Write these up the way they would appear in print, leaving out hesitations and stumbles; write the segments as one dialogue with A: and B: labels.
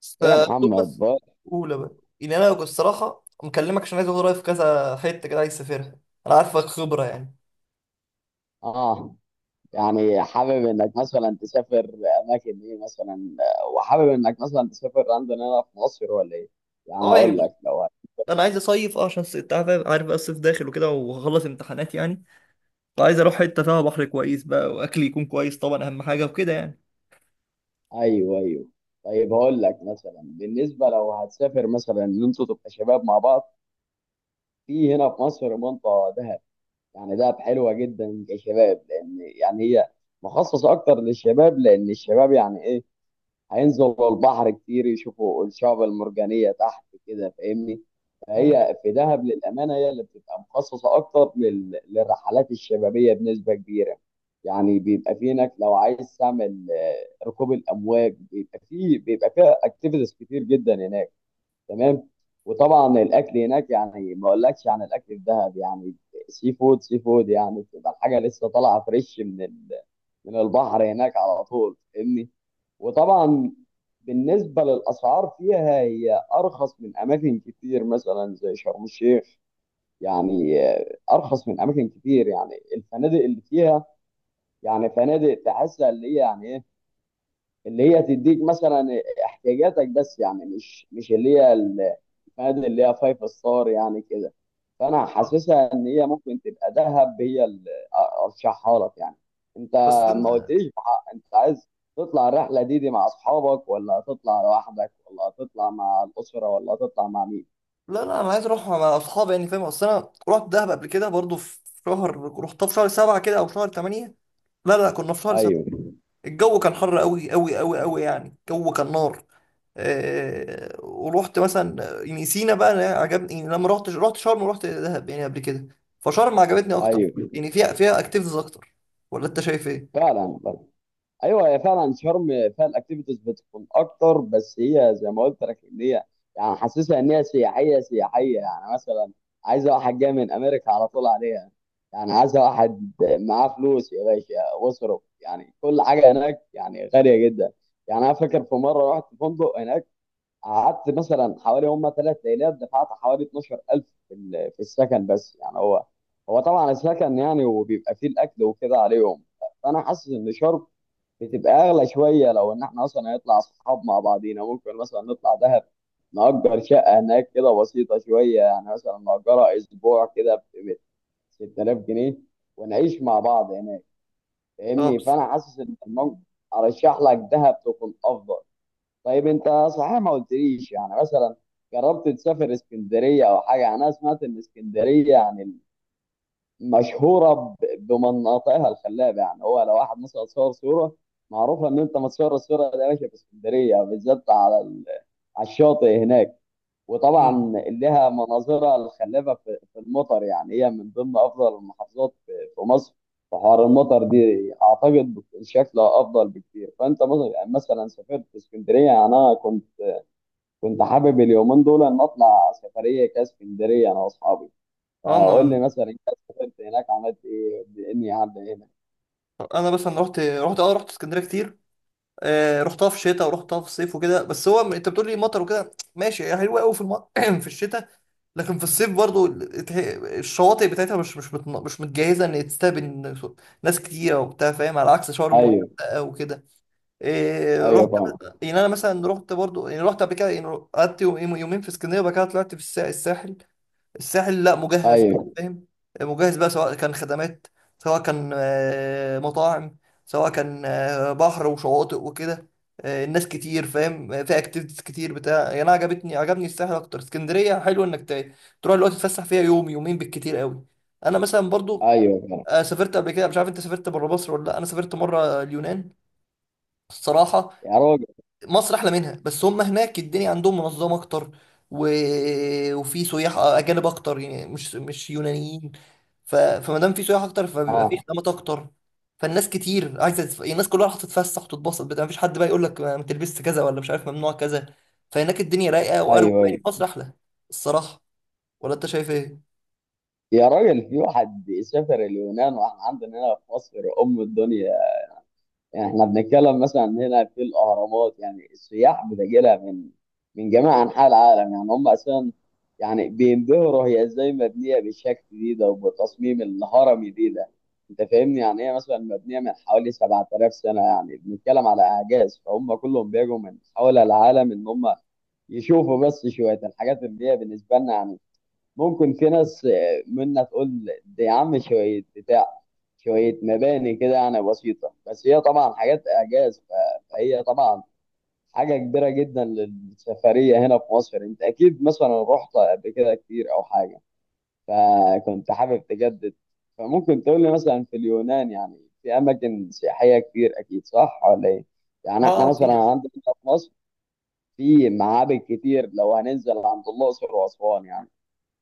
A: بس
B: ايه يا محمد
A: توماس،
B: بقى.
A: اولى بقى. يعني انا الصراحه مكلمك عشان عايز اخد رايك في كذا حته كده عايز اسافرها. انا عارفك خبره يعني.
B: اه يعني حابب انك مثلا تسافر اماكن ايه مثلا؟ وحابب انك مثلا تسافر عندنا هنا في مصر ولا ايه؟ يعني
A: اه، يعني
B: هقول
A: بص،
B: لك لو
A: انا عايز اصيف عشان انت عارف بقى الصيف داخل وكده وهخلص امتحانات يعني. فعايز اروح حته فيها بحر كويس بقى، واكل يكون كويس طبعا، اهم حاجه وكده يعني.
B: ايوه ايوه، طيب هقول لك مثلا بالنسبه لو هتسافر مثلا ان انتوا تبقى شباب مع بعض في هنا في مصر منطقه دهب. يعني دهب حلوه جدا كشباب، لان يعني هي مخصصه اكتر للشباب، لان الشباب يعني ايه؟ هينزلوا البحر كتير، يشوفوا الشعب المرجانية تحت كده، فاهمني؟
A: امم.
B: فهي في دهب للأمانة هي اللي بتبقى مخصصة أكتر للرحلات الشبابية بنسبة كبيرة. يعني بيبقى في هناك لو عايز تعمل ركوب الأمواج، بيبقى فيها أكتيفيتيز كتير جدا هناك، تمام؟ وطبعا الاكل هناك يعني ما اقولكش عن الاكل في دهب، يعني سي فود سي فود، يعني بتبقى الحاجه لسه طالعه فريش من البحر هناك على طول، فاهمني؟ وطبعا بالنسبه للاسعار فيها هي ارخص من اماكن كتير مثلا زي شرم الشيخ. يعني ارخص من اماكن كتير، يعني الفنادق اللي فيها يعني فنادق تحسها اللي هي يعني ايه، اللي هي تديك مثلا احتياجاتك بس، يعني مش اللي هي فنادق اللي هي فايف ستار يعني كده. فانا
A: آه.
B: حاسسها ان هي ممكن تبقى دهب هي اللي ارشحها لك يعني. انت
A: بس
B: ما
A: أنا...
B: قلتليش بحق، انت عايز تطلع الرحله دي مع اصحابك، ولا هتطلع لوحدك، ولا هتطلع مع الاسره، ولا هتطلع مع مين؟
A: لا، لا، انا عايز اروح مع اصحابي، يعني فاهم؟ اصل انا رحت دهب قبل كده برضو في شهر، رحتها في شهر سبعة كده او شهر تمانية. لا، لا، كنا في شهر سبعة.
B: ايوه
A: الجو كان حر قوي قوي قوي قوي، يعني الجو كان نار. ورحت مثلا يعني سينا بقى، أنا عجبني، يعني لما رحت شرم ورحت دهب يعني قبل كده. فشرم عجبتني اكتر،
B: ايوه،
A: يعني فيها اكتيفيتيز اكتر. ولا انت شايف ايه؟
B: فعلا ايوه، هي فعلا شرم فيها الاكتيفيتيز بتكون اكتر، بس هي زي ما قلت لك ان هي يعني حاسسها ان هي سياحيه سياحيه، يعني مثلا عايزه واحد جاي من امريكا على طول عليها، يعني عايزه واحد معاه فلوس يا باشا واصرف، يعني كل حاجه هناك يعني غاليه جدا. يعني انا فاكر في مره رحت فندق هناك، قعدت مثلا حوالي هم ثلاث ليالات، دفعت حوالي 12,000 في السكن بس، يعني هو طبعا السكن يعني وبيبقى فيه الاكل وكده عليهم. فانا حاسس ان شرم بتبقى اغلى شويه، لو ان احنا اصلا هنطلع اصحاب مع بعضينا ممكن مثلا نطلع دهب، نأجر شقه هناك كده بسيطه شويه، يعني مثلا نأجرها اسبوع كده ب 6000 جنيه، ونعيش مع بعض هناك،
A: اه،
B: فاهمني؟
A: بس.
B: فانا حاسس ان الموضوع ارشح لك دهب تكون افضل. طيب انت صحيح ما قلتليش، يعني مثلا جربت تسافر اسكندريه او حاجه؟ يعني انا سمعت ان اسكندريه يعني مشهوره بمناطقها الخلابه، يعني هو لو واحد مثلا صور صوره معروفه ان انت متصور الصوره دي يا باشا في اسكندريه بالذات على الشاطئ هناك.
A: مم.
B: وطبعا لها مناظرها الخلابه في في المطر، يعني هي من ضمن افضل المحافظات في مصر في حوار المطر دي، اعتقد بتكون شكلها افضل بكتير. فانت مثلا سافرت اسكندريه؟ يعني انا كنت كنت حابب اليومين دول ان اطلع سفريه كاسكندريه انا واصحابي.
A: اه،
B: اقول لي
A: انا
B: مثلا انت سافرت هناك عملت ايه اني عدى هنا؟
A: انا بس انا رحت اسكندريه كتير. رحتها في شتاء ورحتها في صيف وكده، بس هو انت بتقول لي مطر وكده، ماشي، هي حلوه قوي في في الشتاء. لكن في الصيف برضو الشواطئ بتاعتها مش متجهزه ان تستقبل ناس كتيره وبتاع، فاهم، على عكس شرم
B: ايوه
A: والغردقه وكده. إيه، رحت.
B: ايوه فاهم،
A: يعني انا مثلا رحت برضو، يعني رحت قبل كده يعني. قعدت يومين في اسكندريه، وبعد كده طلعت في الساحل. الساحل لا مجهز،
B: ايوه
A: فاهم. مجهز بقى، سواء كان خدمات، سواء كان مطاعم، سواء كان بحر وشواطئ وكده. الناس كتير، فاهم. في اكتيفيتيز كتير بتاع يعني. انا عجبني الساحل اكتر. اسكندريه حلو انك تروح دلوقتي تتفسح فيها يوم يومين بالكتير قوي. انا مثلا برضو
B: ايوه فاهم،
A: سافرت قبل كده. مش عارف انت سافرت بره مصر ولا لا. انا سافرت مره اليونان الصراحه.
B: يا راجل.
A: مصر احلى منها، بس هم هناك الدنيا عندهم منظمه اكتر، و... وفي سياح اجانب اكتر، يعني مش يونانيين. فما دام في سياح اكتر، فبيبقى في
B: اه،
A: خدمات اكتر. فالناس كتير عايزه يعني الناس كلها راح تتفسح وتتبسط بتاع. مفيش حد بقى يقول لك ما تلبسش كذا، ولا مش عارف ممنوع كذا. فهناك الدنيا رايقه واروق،
B: ايوه
A: مع إن
B: ايوه،
A: مصر احلى الصراحه. ولا انت شايف ايه؟
B: يا راجل، في واحد سافر اليونان واحنا عندنا هنا في مصر ام الدنيا؟ يعني احنا بنتكلم مثلا عن هنا في الاهرامات، يعني السياح بتجي لها من من جميع انحاء العالم، يعني هم اساسا يعني بينبهروا هي ازاي مبنيه بالشكل دي ده، وبالتصميم الهرمي دي ده، انت فاهمني؟ يعني هي مثلا مبنيه من حوالي 7000 سنه، يعني بنتكلم على اعجاز، فهم كلهم بيجوا من حول العالم ان هم يشوفوا بس شويه الحاجات اللي هي بالنسبه لنا يعني ممكن في ناس منا تقول ده يا عم شويه بتاع، شوية مباني كده يعني بسيطة، بس هي طبعا حاجات إعجاز. فهي طبعا حاجة كبيرة جدا للسفرية هنا في مصر. أنت أكيد مثلا رحت قبل كده كتير أو حاجة، فكنت حابب تجدد. فممكن تقول لي مثلا في اليونان يعني في أماكن سياحية كتير أكيد، صح ولا إيه؟
A: اه.
B: يعني إحنا مثلا
A: في.
B: عندنا هنا في مصر في معابد كتير لو هننزل عند الأقصر وأسوان، يعني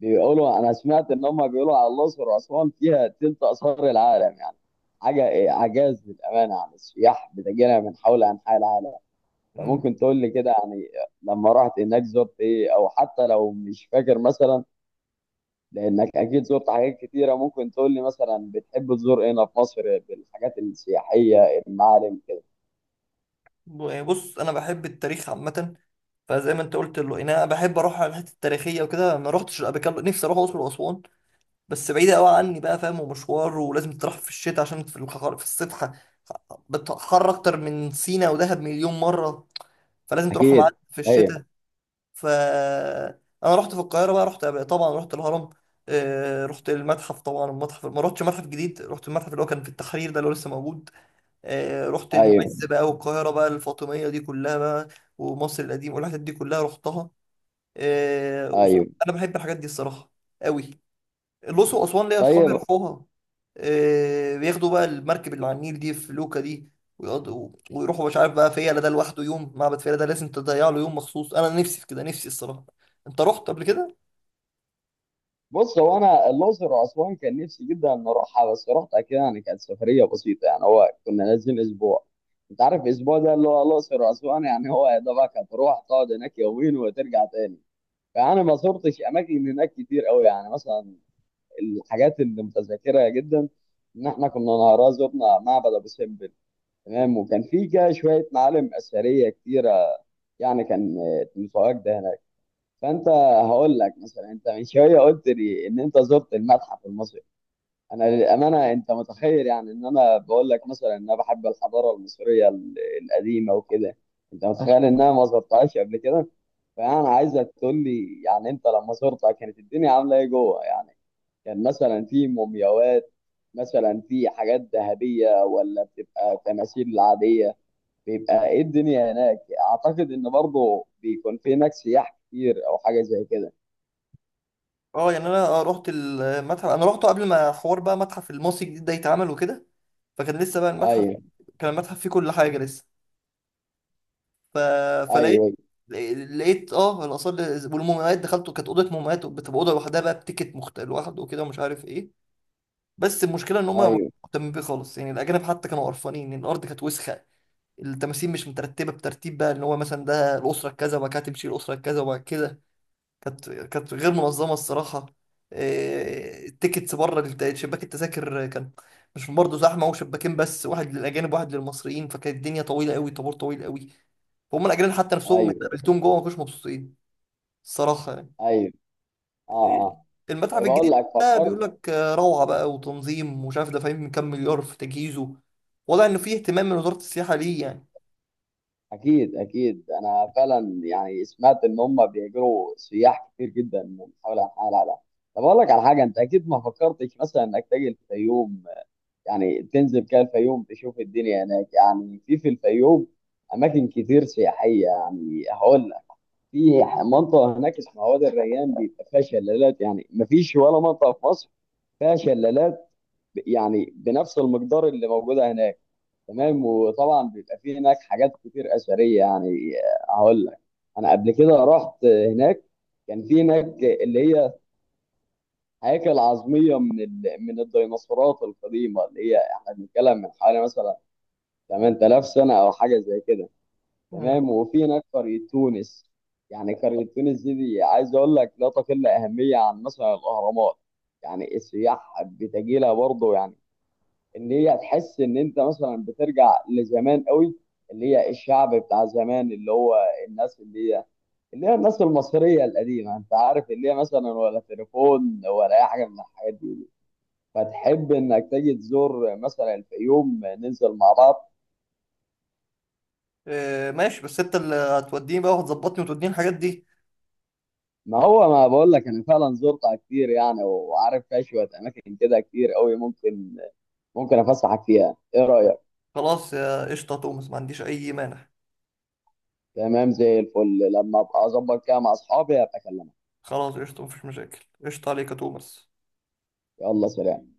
B: بيقولوا، انا سمعت ان هم بيقولوا على الاقصر واسوان فيها تلت اثار العالم، يعني حاجه إيه، اعجاز للامانه، يعني السياح بتجينا من حول انحاء العالم.
A: مم.
B: فممكن تقول لي كده يعني لما رحت هناك زرت ايه، او حتى لو مش فاكر مثلا لانك اكيد زرت حاجات كتيره، ممكن تقول لي مثلا بتحب تزور إيه هنا في مصر بالحاجات السياحيه المعالم كده؟
A: بص، انا بحب التاريخ عامه، فزي ما انت قلت له انا بحب اروح على الحته التاريخيه وكده. ما رحتش قبل كده، نفسي اروح الاقصر واسوان، بس بعيدة قوي عني بقى، فاهم، ومشوار. ولازم تروح في الشتاء، عشان في الحر في الصبح بتحر أكتر من سينا ودهب مليون مرة. فلازم تروح معاك
B: اكيد
A: في الشتاء.
B: ايوه
A: ف أنا رحت في القاهرة بقى، رحت طبعا، رحت الهرم. رحت المتحف طبعا. المتحف ما رحتش متحف جديد، رحت المتحف اللي هو كان في التحرير ده، اللي هو لسه موجود. رحت
B: ايوه
A: المعز بقى، والقاهرة بقى الفاطمية دي كلها بقى، ومصر القديم والحاجات دي كلها رحتها. آه، وص-
B: ايوه،
A: أنا بحب الحاجات دي الصراحة قوي. الأقصر وأسوان ليا أصحابي
B: طيب
A: يروحوها. بياخدوا بقى المركب اللي على النيل دي في لوكا دي، ويقعدوا ويروحوا مش عارف بقى. فيلة ده لوحده يوم، معبد فيلة ده لازم تضيع له يوم مخصوص. أنا نفسي في كده، نفسي الصراحة. أنت رحت قبل كده؟
B: بص، هو انا الاقصر واسوان كان نفسي جدا ان اروحها، بس رحتها كده يعني كانت سفريه بسيطه، يعني هو كنا نازلين اسبوع. انت عارف الاسبوع ده اللي هو الاقصر واسوان يعني هو يا دوبك هتروح تقعد هناك يومين وترجع تاني. فانا ما زرتش اماكن هناك كتير قوي، يعني مثلا الحاجات اللي متذكرها جدا ان احنا كنا نهارها زرنا معبد ابو سمبل، تمام؟ وكان في كده شويه معالم اثريه كتيره، يعني كان تمساحات ده هناك. فانت هقول لك مثلا، انت من شويه قلت لي ان انت زرت المتحف المصري، انا للامانه انت متخيل يعني ان انا بقول لك مثلا ان انا بحب الحضاره المصريه القديمه وكده، انت متخيل ان انا ما زرتهاش قبل كده؟ فانا عايزك تقول لي يعني انت لما زرتها كانت الدنيا عامله ايه جوه؟ يعني كان مثلا في مومياوات، مثلا في حاجات ذهبيه، ولا بتبقى تماثيل عاديه؟ بيبقى ايه الدنيا هناك؟ اعتقد ان برضه بيكون في هناك سياح كتير او حاجه زي كده.
A: أه، يعني أنا رحت المتحف. أنا رحته قبل ما حوار بقى متحف المصري الجديد ده يتعمل وكده، فكان لسه بقى المتحف،
B: ايوه
A: كان المتحف فيه كل حاجة لسه. ف... فلقيت
B: ايوه
A: لقيت اه الاثار والمومياوات. دخلت، كانت اوضه مومياوات، بتبقى اوضه لوحدها بقى، بتيكت لوحده وكده، ومش عارف ايه. بس المشكله ان هم ما كانوش
B: ايوه
A: مهتمين بيه خالص، يعني الاجانب حتى كانوا قرفانين ان الارض كانت وسخه. التماثيل مش مترتبه بترتيب، بقى ان هو مثلا ده الاسره كذا، وبعد كده تمشي الاسره كذا، وبعد كده كانت غير منظمه الصراحه. إيه، التيكتس بره شباك التذاكر كان مش برضه زحمه، وشباكين بس، واحد للاجانب واحد للمصريين، فكانت الدنيا طويله قوي، طابور طويل قوي. فهم الاجانب حتى نفسهم اللي
B: ايوه
A: قابلتهم جوه ما كانوش مبسوطين الصراحه يعني.
B: ايوه. اه آه.
A: المتحف
B: زي ما
A: الجديد
B: اقول لك
A: ده بيقول
B: فكرت.
A: لك روعة بقى، وتنظيم، ومش عارف دافعين كام مليار في تجهيزه. واضح إنه فيه اهتمام من وزارة السياحة ليه يعني.
B: اكيد اكيد، انا فعلا يعني سمعت ان هم بيجروا سياح كتير جدا من حول انحاء العالم. طب اقول لك على حاجه، انت اكيد ما فكرتش مثلا انك تجي الفيوم؟ يعني تنزل كده الفيوم تشوف الدنيا هناك. يعني في الفيوم اماكن كتير سياحيه، يعني هقول لك في منطقه هناك اسمها وادي الريان، بيبقى فيها شلالات، يعني ما فيش ولا منطقه في مصر فيها شلالات يعني بنفس المقدار اللي موجوده هناك، تمام؟ وطبعا بيبقى فيه هناك حاجات كتير اثريه، يعني هقول لك انا قبل كده رحت هناك كان في هناك اللي هي هياكل عظميه من الديناصورات القديمه، اللي هي احنا بنتكلم من حوالي مثلا 8000 سنه او حاجه زي كده،
A: مم.
B: تمام؟ وفي هناك قريه تونس، يعني قريه تونس دي، عايز اقول لك لا تقل اهميه عن مثلا الاهرامات، يعني السياح بتجي لها برضه، يعني ان هي تحس ان انت مثلا بترجع لزمان قوي، اللي هي الشعب بتاع زمان، اللي هو الناس اللي هي اللي هي الناس المصريه القديمه، انت عارف اللي هي مثلا ولا تليفون ولا اي حاجه من الحاجات دي. فتحب انك تيجي تزور مثلا الفيوم ننزل مع بعض؟
A: ماشي، بس أنت اللي هتوديني بقى وهتظبطني وتوديني الحاجات دي.
B: ما هو ما بقول لك انا فعلا زرتها كتير، يعني وعارف فيها شويه اماكن كده كتير قوي، ممكن افسحك فيها، ايه رايك؟
A: خلاص يا قشطة يا توماس، ما عنديش أي مانع.
B: تمام زي الفل، لما ابقى اظبط كده مع اصحابي ابقى اكلمك.
A: خلاص، قشطة، مفيش مشاكل، قشطة عليك يا توماس.
B: يلا سلام.